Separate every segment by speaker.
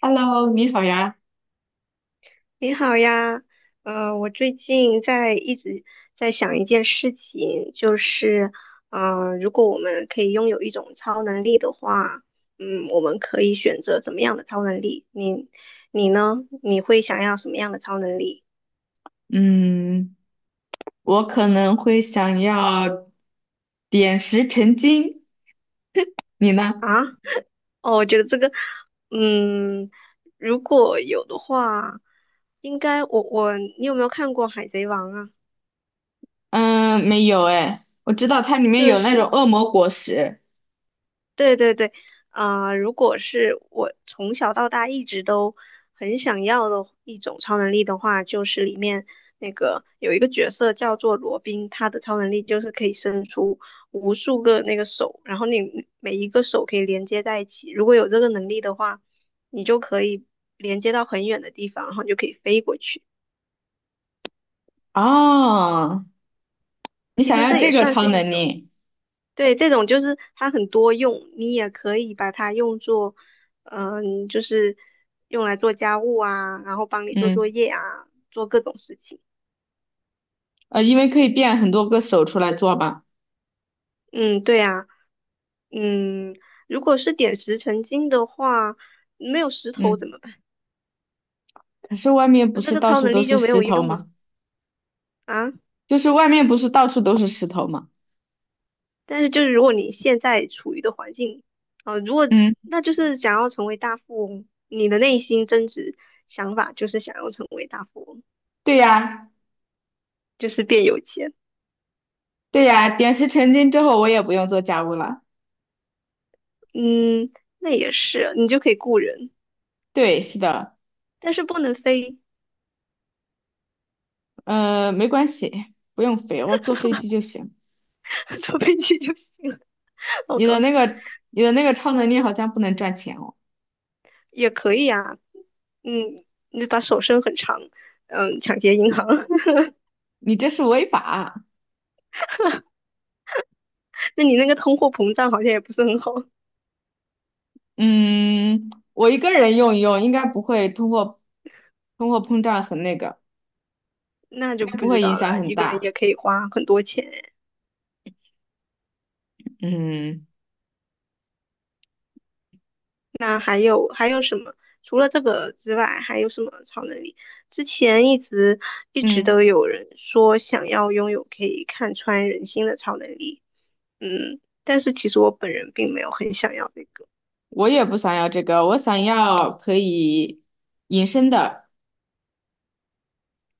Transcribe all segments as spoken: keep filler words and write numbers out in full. Speaker 1: Hello，你好呀。
Speaker 2: 你好呀，呃，我最近在一直在想一件事情，就是，呃，如果我们可以拥有一种超能力的话，嗯，我们可以选择怎么样的超能力？你，你呢？你会想要什么样的超能力
Speaker 1: 嗯，我可能会想要点石成金，你呢？
Speaker 2: 啊？哦，我觉得这个，嗯，如果有的话，应该我我你有没有看过《海贼王》啊？
Speaker 1: 嗯，没有哎，我知道它里面
Speaker 2: 就
Speaker 1: 有那
Speaker 2: 是。
Speaker 1: 种恶魔果实。
Speaker 2: 对对对，啊、如果是我从小到大一直都很想要的一种超能力的话，就是里面那个有一个角色叫做罗宾，他的超能力就是可以伸出无数个那个手，然后你每一个手可以连接在一起。如果有这个能力的话，你就可以连接到很远的地方，然后你就可以飞过去。
Speaker 1: 哦，你
Speaker 2: 其
Speaker 1: 想
Speaker 2: 实
Speaker 1: 要
Speaker 2: 这也
Speaker 1: 这个
Speaker 2: 算
Speaker 1: 超
Speaker 2: 是一
Speaker 1: 能
Speaker 2: 种。
Speaker 1: 力？
Speaker 2: 对，这种就是它很多用，你也可以把它用作，嗯、就是用来做家务啊，然后帮你做作
Speaker 1: 嗯，
Speaker 2: 业啊，做各种事情。
Speaker 1: 呃，因为可以变很多个手出来做嘛。
Speaker 2: 嗯，对啊，嗯，如果是点石成金的话，没有石头
Speaker 1: 嗯，
Speaker 2: 怎么办？
Speaker 1: 可是外面不
Speaker 2: 那这
Speaker 1: 是
Speaker 2: 个
Speaker 1: 到
Speaker 2: 超
Speaker 1: 处
Speaker 2: 能
Speaker 1: 都
Speaker 2: 力
Speaker 1: 是
Speaker 2: 就没有
Speaker 1: 石头
Speaker 2: 用了
Speaker 1: 吗？
Speaker 2: 啊。
Speaker 1: 就是外面不是到处都是石头吗？
Speaker 2: 但是就是如果你现在处于的环境，啊、如果
Speaker 1: 嗯，
Speaker 2: 那就是想要成为大富翁，你的内心真实想法就是想要成为大富翁，
Speaker 1: 对呀，
Speaker 2: 就是变有钱。
Speaker 1: 对呀，点石成金之后我也不用做家务了。
Speaker 2: 嗯，那也是，你就可以雇人，
Speaker 1: 对，是的。
Speaker 2: 但是不能飞，
Speaker 1: 呃，没关系，不用飞，我坐飞机就行。
Speaker 2: 坐飞机就行了，好
Speaker 1: 你的
Speaker 2: 搞笑。
Speaker 1: 那个，你的那个超能力好像不能赚钱哦，
Speaker 2: 也可以啊，嗯，你把手伸很长，嗯，抢劫银行，
Speaker 1: 你这是违法。
Speaker 2: 那你那个通货膨胀好像也不是很好，
Speaker 1: 嗯，我一个人用一用，应该不会通货通货膨胀很那个，
Speaker 2: 那就
Speaker 1: 应该
Speaker 2: 不
Speaker 1: 不
Speaker 2: 知
Speaker 1: 会影
Speaker 2: 道
Speaker 1: 响
Speaker 2: 了。
Speaker 1: 很
Speaker 2: 一个人
Speaker 1: 大。
Speaker 2: 也可以花很多钱，
Speaker 1: 嗯
Speaker 2: 那还有还有什么？除了这个之外，还有什么超能力？之前一直一直
Speaker 1: 嗯，
Speaker 2: 都有人说想要拥有可以看穿人心的超能力，嗯，但是其实我本人并没有很想要那个
Speaker 1: 我也不想要这个，我想要可以隐身的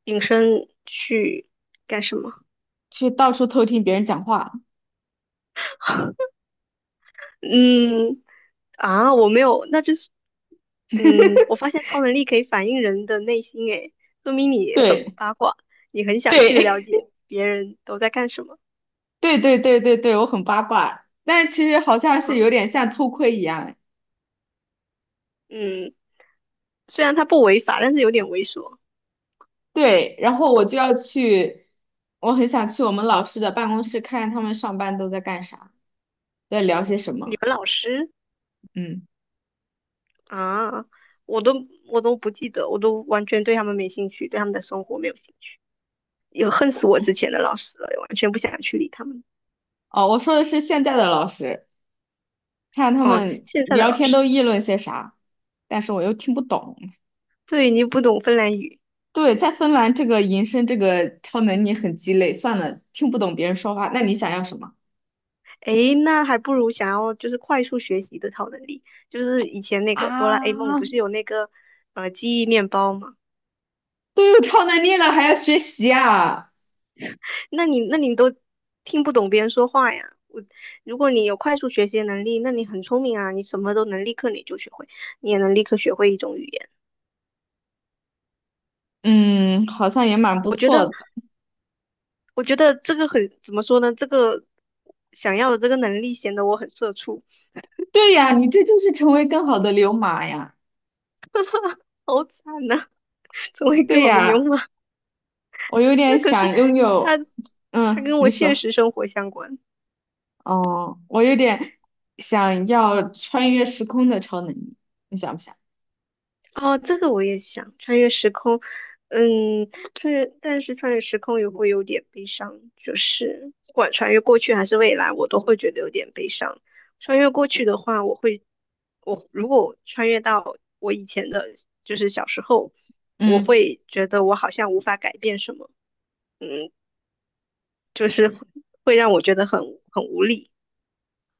Speaker 2: 隐身去干什么。
Speaker 1: 去到处偷听别人讲话。
Speaker 2: 嗯，啊，我没有，那就是，嗯，我发现超能力可以反映人的内心，诶，说明你很
Speaker 1: 对
Speaker 2: 八卦，你很想去了
Speaker 1: 对
Speaker 2: 解别人都在干什么。
Speaker 1: 对对对对对，我很八卦，但其实好像是
Speaker 2: 嗯
Speaker 1: 有点像偷窥一样。
Speaker 2: 嗯，虽然他不违法，但是有点猥琐。
Speaker 1: 对，然后我就要去，我很想去我们老师的办公室看看他们上班都在干啥，在聊些什
Speaker 2: 你
Speaker 1: 么。
Speaker 2: 们老师
Speaker 1: 嗯，
Speaker 2: 啊，我都我都不记得，我都完全对他们没兴趣，对他们的生活没有兴趣，也恨死我之前的老师了，完全不想去理他们。
Speaker 1: 哦，我说的是现在的老师，看他
Speaker 2: 哦，
Speaker 1: 们
Speaker 2: 现在的
Speaker 1: 聊
Speaker 2: 老
Speaker 1: 天
Speaker 2: 师，
Speaker 1: 都议论些啥，但是我又听不懂。
Speaker 2: 对你不懂芬兰语，
Speaker 1: 对，在芬兰这个延伸这个超能力很鸡肋，算了，听不懂别人说话。那你想要什么
Speaker 2: 诶，那还不如想要就是快速学习的超能力，就是以前那个哆啦 A 梦
Speaker 1: 啊？
Speaker 2: 不是有那个呃记忆面包吗？
Speaker 1: 都有超能力了还要学习啊？
Speaker 2: 那你那你都听不懂别人说话呀。我如果你有快速学习的能力，那你很聪明啊，你什么都能立刻你就学会，你也能立刻学会一种语言。
Speaker 1: 嗯，好像也蛮不
Speaker 2: 我觉
Speaker 1: 错
Speaker 2: 得
Speaker 1: 的。
Speaker 2: 我觉得这个很怎么说呢？这个想要的这个能力显得我很社畜，
Speaker 1: 对呀，你这就是成为更好的流氓呀。
Speaker 2: 好惨呐、成为
Speaker 1: 对
Speaker 2: 更好的牛
Speaker 1: 呀。
Speaker 2: 马。
Speaker 1: 我有点
Speaker 2: 那可是
Speaker 1: 想拥
Speaker 2: 它
Speaker 1: 有，
Speaker 2: 它
Speaker 1: 嗯，
Speaker 2: 跟我
Speaker 1: 你
Speaker 2: 现
Speaker 1: 说，
Speaker 2: 实生活相关。
Speaker 1: 哦，我有点想要穿越时空的超能力，你想不想？
Speaker 2: 哦，这个我也想穿越时空，嗯，穿越，但是穿越时空也会有点悲伤，就是不管穿越过去还是未来，我都会觉得有点悲伤。穿越过去的话，我会，我如果我穿越到我以前的，就是小时候，我
Speaker 1: 嗯，
Speaker 2: 会觉得我好像无法改变什么，嗯，就是会让我觉得很很无力。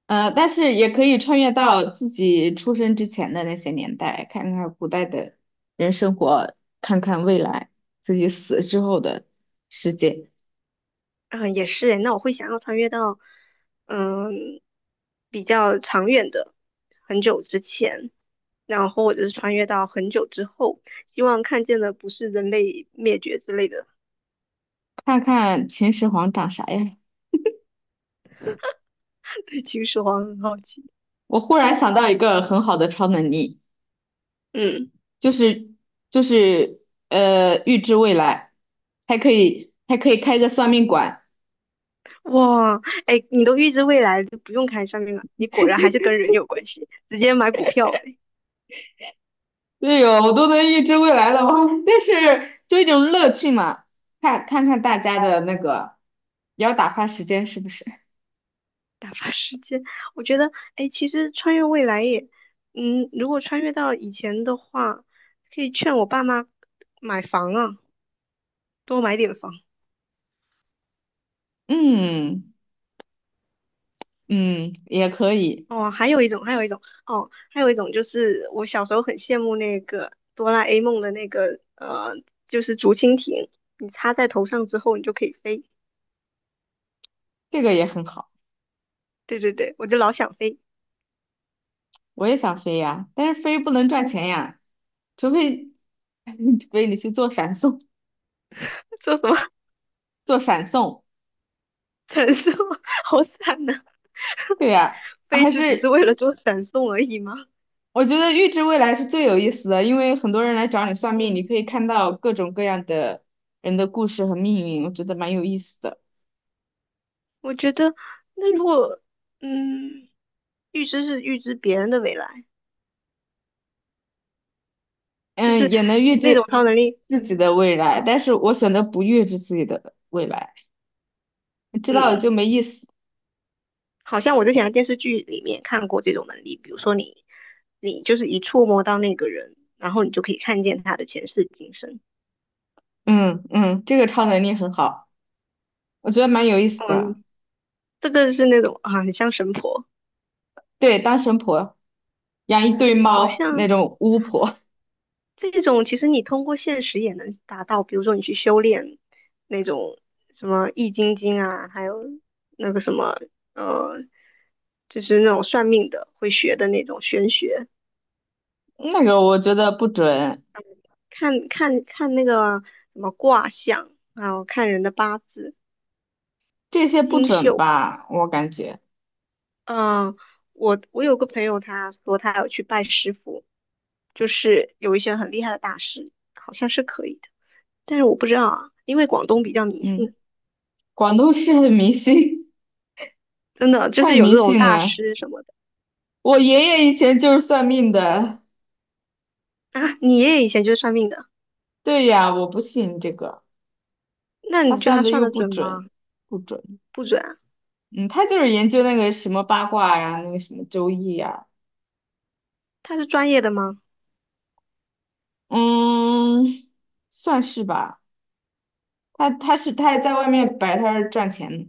Speaker 1: 呃，但是也可以穿越到自己出生之前的那些年代，看看古代的人生活，看看未来自己死之后的世界，
Speaker 2: 嗯、也是诶，那我会想要穿越到，嗯，比较长远的，很久之前，然后或者是穿越到很久之后，希望看见的不是人类灭绝之类的。
Speaker 1: 看看秦始皇长啥样。
Speaker 2: 对秦始皇很好奇，
Speaker 1: 我忽然想到一个很好的超能力。
Speaker 2: 嗯，
Speaker 1: 就是就是呃预知未来，还可以还可以开个算命馆。
Speaker 2: 哇，哎，你都预知未来，就不用看算面了，你果然还是跟人有关系，直接买股票呗。
Speaker 1: 对哟，我都能预知未来了，我但是就一种乐趣嘛，看看看大家的那个，也要打发时间是不是？
Speaker 2: 打发时间，我觉得，哎，其实穿越未来也，嗯，如果穿越到以前的话，可以劝我爸妈买房啊，多买点房。
Speaker 1: 嗯嗯，也可以，
Speaker 2: 哦，还有一种，还有一种，哦，还有一种就是我小时候很羡慕那个哆啦 A 梦的那个，呃，就是竹蜻蜓，你插在头上之后，你就可以飞。
Speaker 1: 这个也很好。
Speaker 2: 对对对，我就老想飞，
Speaker 1: 我也想飞呀，但是飞不能赚钱呀，除非 除非你去做闪送，
Speaker 2: 说什么
Speaker 1: 做闪送。
Speaker 2: 传送，好惨呐、
Speaker 1: 对呀，
Speaker 2: 飞
Speaker 1: 还
Speaker 2: 就只是
Speaker 1: 是
Speaker 2: 为了做闪送而已吗？
Speaker 1: 我觉得预知未来是最有意思的，因为很多人来找你算命，你
Speaker 2: 嗯
Speaker 1: 可以看到各种各样的人的故事和命运，我觉得蛮有意思的。
Speaker 2: 我觉得，那如果，嗯，预知是预知别人的未来，就
Speaker 1: 嗯，
Speaker 2: 是
Speaker 1: 也能预
Speaker 2: 那种
Speaker 1: 知
Speaker 2: 超能力，
Speaker 1: 自己的未来，
Speaker 2: 嗯
Speaker 1: 但是我选择不预知自己的未来，知道了
Speaker 2: 嗯，
Speaker 1: 就没意思。
Speaker 2: 好像我之前的电视剧里面看过这种能力，比如说你，你就是一触摸到那个人，然后你就可以看见他的前世今生，
Speaker 1: 嗯嗯，这个超能力很好，我觉得蛮有意思的。
Speaker 2: 嗯，这个是那种啊，很像神婆，
Speaker 1: 对，当神婆，养一堆
Speaker 2: 好
Speaker 1: 猫那
Speaker 2: 像
Speaker 1: 种巫婆，
Speaker 2: 这种其实你通过现实也能达到，比如说你去修炼那种什么易筋经啊，还有那个什么呃，就是那种算命的会学的那种玄学，
Speaker 1: 那个我觉得不准，
Speaker 2: 看看看那个什么卦象，还有看人的八字、
Speaker 1: 这些不
Speaker 2: 星
Speaker 1: 准
Speaker 2: 宿。
Speaker 1: 吧，我感觉。
Speaker 2: 嗯、我我有个朋友，他说他要去拜师傅，就是有一些很厉害的大师，好像是可以的，但是我不知道啊，因为广东比较迷
Speaker 1: 嗯，
Speaker 2: 信。
Speaker 1: 广东是很迷信，
Speaker 2: 真的就
Speaker 1: 太
Speaker 2: 是有
Speaker 1: 迷
Speaker 2: 这种
Speaker 1: 信
Speaker 2: 大
Speaker 1: 了。
Speaker 2: 师什么的
Speaker 1: 我爷爷以前就是算命的，
Speaker 2: 啊。你爷爷以前就是算命的，
Speaker 1: 对呀，我不信这个，
Speaker 2: 那
Speaker 1: 他
Speaker 2: 你觉得
Speaker 1: 算
Speaker 2: 他
Speaker 1: 的
Speaker 2: 算
Speaker 1: 又
Speaker 2: 的
Speaker 1: 不
Speaker 2: 准
Speaker 1: 准，
Speaker 2: 吗？
Speaker 1: 不准。
Speaker 2: 不准啊，
Speaker 1: 嗯，他就是研究那个什么八卦呀，那个什么周易呀，
Speaker 2: 他是专业的吗？
Speaker 1: 嗯，算是吧。他他是他还在外面摆摊儿赚钱呢。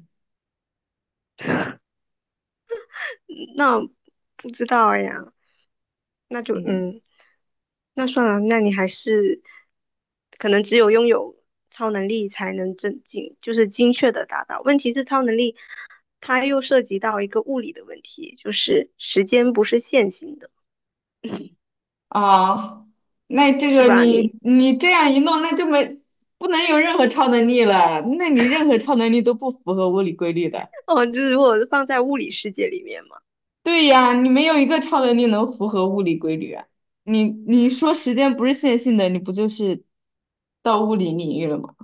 Speaker 2: 嗯那不知道哎呀，那就
Speaker 1: 嗯，
Speaker 2: 嗯，那算了，那你还是可能只有拥有超能力才能正经，就是精确的达到。问题是超能力，它又涉及到一个物理的问题，就是时间不是线性的，
Speaker 1: 啊，那这
Speaker 2: 是
Speaker 1: 个
Speaker 2: 吧？
Speaker 1: 你
Speaker 2: 你
Speaker 1: 你这样一弄，那就没不能有任何超能力了，那你任何超能力都不符合物理规律的。
Speaker 2: 哦，就是如果放在物理世界里面嘛。
Speaker 1: 对呀，你没有一个超能力能符合物理规律啊！你你说时间不是线性的，你不就是到物理领域了吗？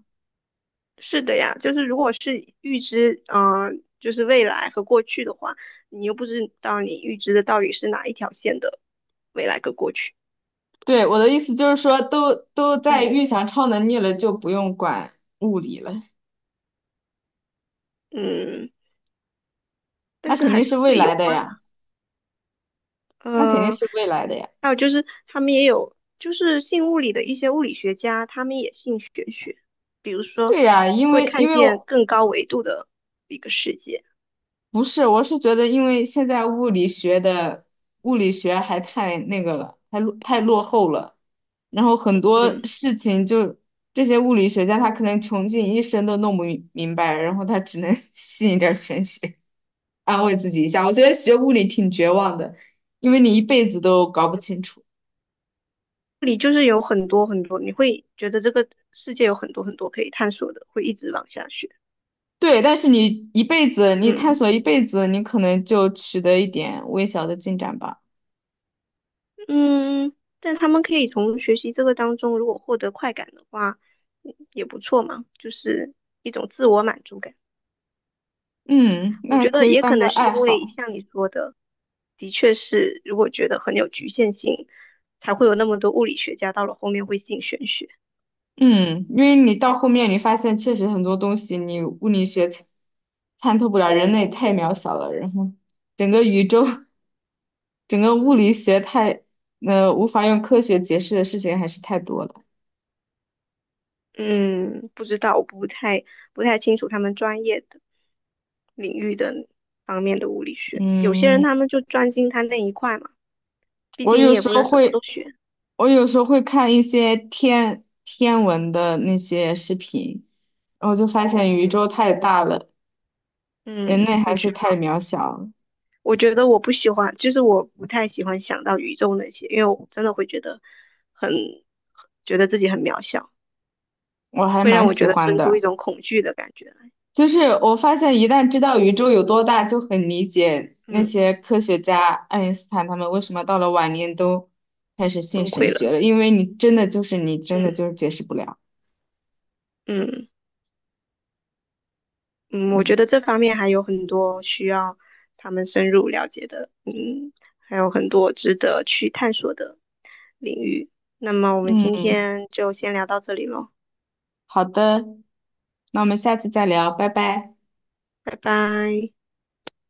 Speaker 2: 是的呀，就是如果是预知，嗯、就是未来和过去的话，你又不知道你预知的到底是哪一条线的未来跟过去。
Speaker 1: 对，我的意思就是说，都都在
Speaker 2: 嗯
Speaker 1: 预想超能力了，就不用管物理了，
Speaker 2: 嗯，但
Speaker 1: 那
Speaker 2: 是
Speaker 1: 肯
Speaker 2: 还
Speaker 1: 定
Speaker 2: 是
Speaker 1: 是未
Speaker 2: 会有
Speaker 1: 来的
Speaker 2: 关
Speaker 1: 呀，
Speaker 2: 吧。
Speaker 1: 那肯定
Speaker 2: 嗯，
Speaker 1: 是未来的呀。
Speaker 2: 还有就是他们也有，就是信物理的一些物理学家，他们也信玄学，比如说
Speaker 1: 对呀，因
Speaker 2: 会
Speaker 1: 为
Speaker 2: 看
Speaker 1: 因为
Speaker 2: 见
Speaker 1: 我
Speaker 2: 更高维度的一个世界。
Speaker 1: 不是，我是觉得，因为现在物理学的物理学还太那个了，太落太落后了。然后很多
Speaker 2: 嗯，
Speaker 1: 事情就这些物理学家他可能穷尽一生都弄不明明白，然后他只能 吸一点儿玄学，安慰自己一下。我觉得学物理挺绝望的，因为你一辈子都搞不清楚。
Speaker 2: 这里就是有很多很多，你会觉得这个世界有很多很多可以探索的，会一直往下学。
Speaker 1: 对，但是你一辈子，你探
Speaker 2: 嗯。
Speaker 1: 索一辈子，你可能就取得一点微小的进展吧。
Speaker 2: 嗯，但他们可以从学习这个当中，如果获得快感的话，嗯也不错嘛，就是一种自我满足感。
Speaker 1: 嗯，
Speaker 2: 我
Speaker 1: 那
Speaker 2: 觉
Speaker 1: 可
Speaker 2: 得
Speaker 1: 以
Speaker 2: 也可
Speaker 1: 当个
Speaker 2: 能是
Speaker 1: 爱
Speaker 2: 因
Speaker 1: 好。
Speaker 2: 为像你说的，的确是如果觉得很有局限性，才会有那么多物理学家到了后面会信玄学。
Speaker 1: 嗯，因为你到后面你发现确实很多东西你物理学参参透不了，人类太渺小了，然后整个宇宙 整个物理学太，呃，无法用科学解释的事情还是太多了。
Speaker 2: 嗯，不知道，我不太不太清楚他们专业的领域的方面的物理学。有些人
Speaker 1: 嗯，
Speaker 2: 他们就专心他那一块嘛，毕
Speaker 1: 我
Speaker 2: 竟你
Speaker 1: 有
Speaker 2: 也
Speaker 1: 时
Speaker 2: 不
Speaker 1: 候
Speaker 2: 能什么都
Speaker 1: 会，
Speaker 2: 学。
Speaker 1: 我有时候会看一些天天文的那些视频，然后就发现宇
Speaker 2: 嗯，
Speaker 1: 宙太大了，人
Speaker 2: 嗯
Speaker 1: 类还
Speaker 2: 很
Speaker 1: 是
Speaker 2: 绝
Speaker 1: 太
Speaker 2: 望。
Speaker 1: 渺小了
Speaker 2: 我觉得我不喜欢，就是我不太喜欢想到宇宙那些，因为我真的会觉得很，觉得自己很渺小，
Speaker 1: 我还
Speaker 2: 会
Speaker 1: 蛮
Speaker 2: 让我觉
Speaker 1: 喜
Speaker 2: 得
Speaker 1: 欢
Speaker 2: 生出一
Speaker 1: 的。
Speaker 2: 种恐惧的感觉来
Speaker 1: 就是我发现，一旦知道宇宙有多大，就很理解那
Speaker 2: 嗯，
Speaker 1: 些科学家爱因斯坦他们为什么到了晚年都开始信
Speaker 2: 崩
Speaker 1: 神
Speaker 2: 溃
Speaker 1: 学
Speaker 2: 了，
Speaker 1: 了，因为你真的就是你真的
Speaker 2: 嗯
Speaker 1: 就是解释不了。
Speaker 2: 嗯嗯，我
Speaker 1: 嗯
Speaker 2: 觉得这方面还有很多需要他们深入了解的，嗯，还有很多值得去探索的领域。那么我们今
Speaker 1: 嗯，
Speaker 2: 天就先聊到这里喽，
Speaker 1: 好的，那我们下次再聊，拜拜。
Speaker 2: 拜拜。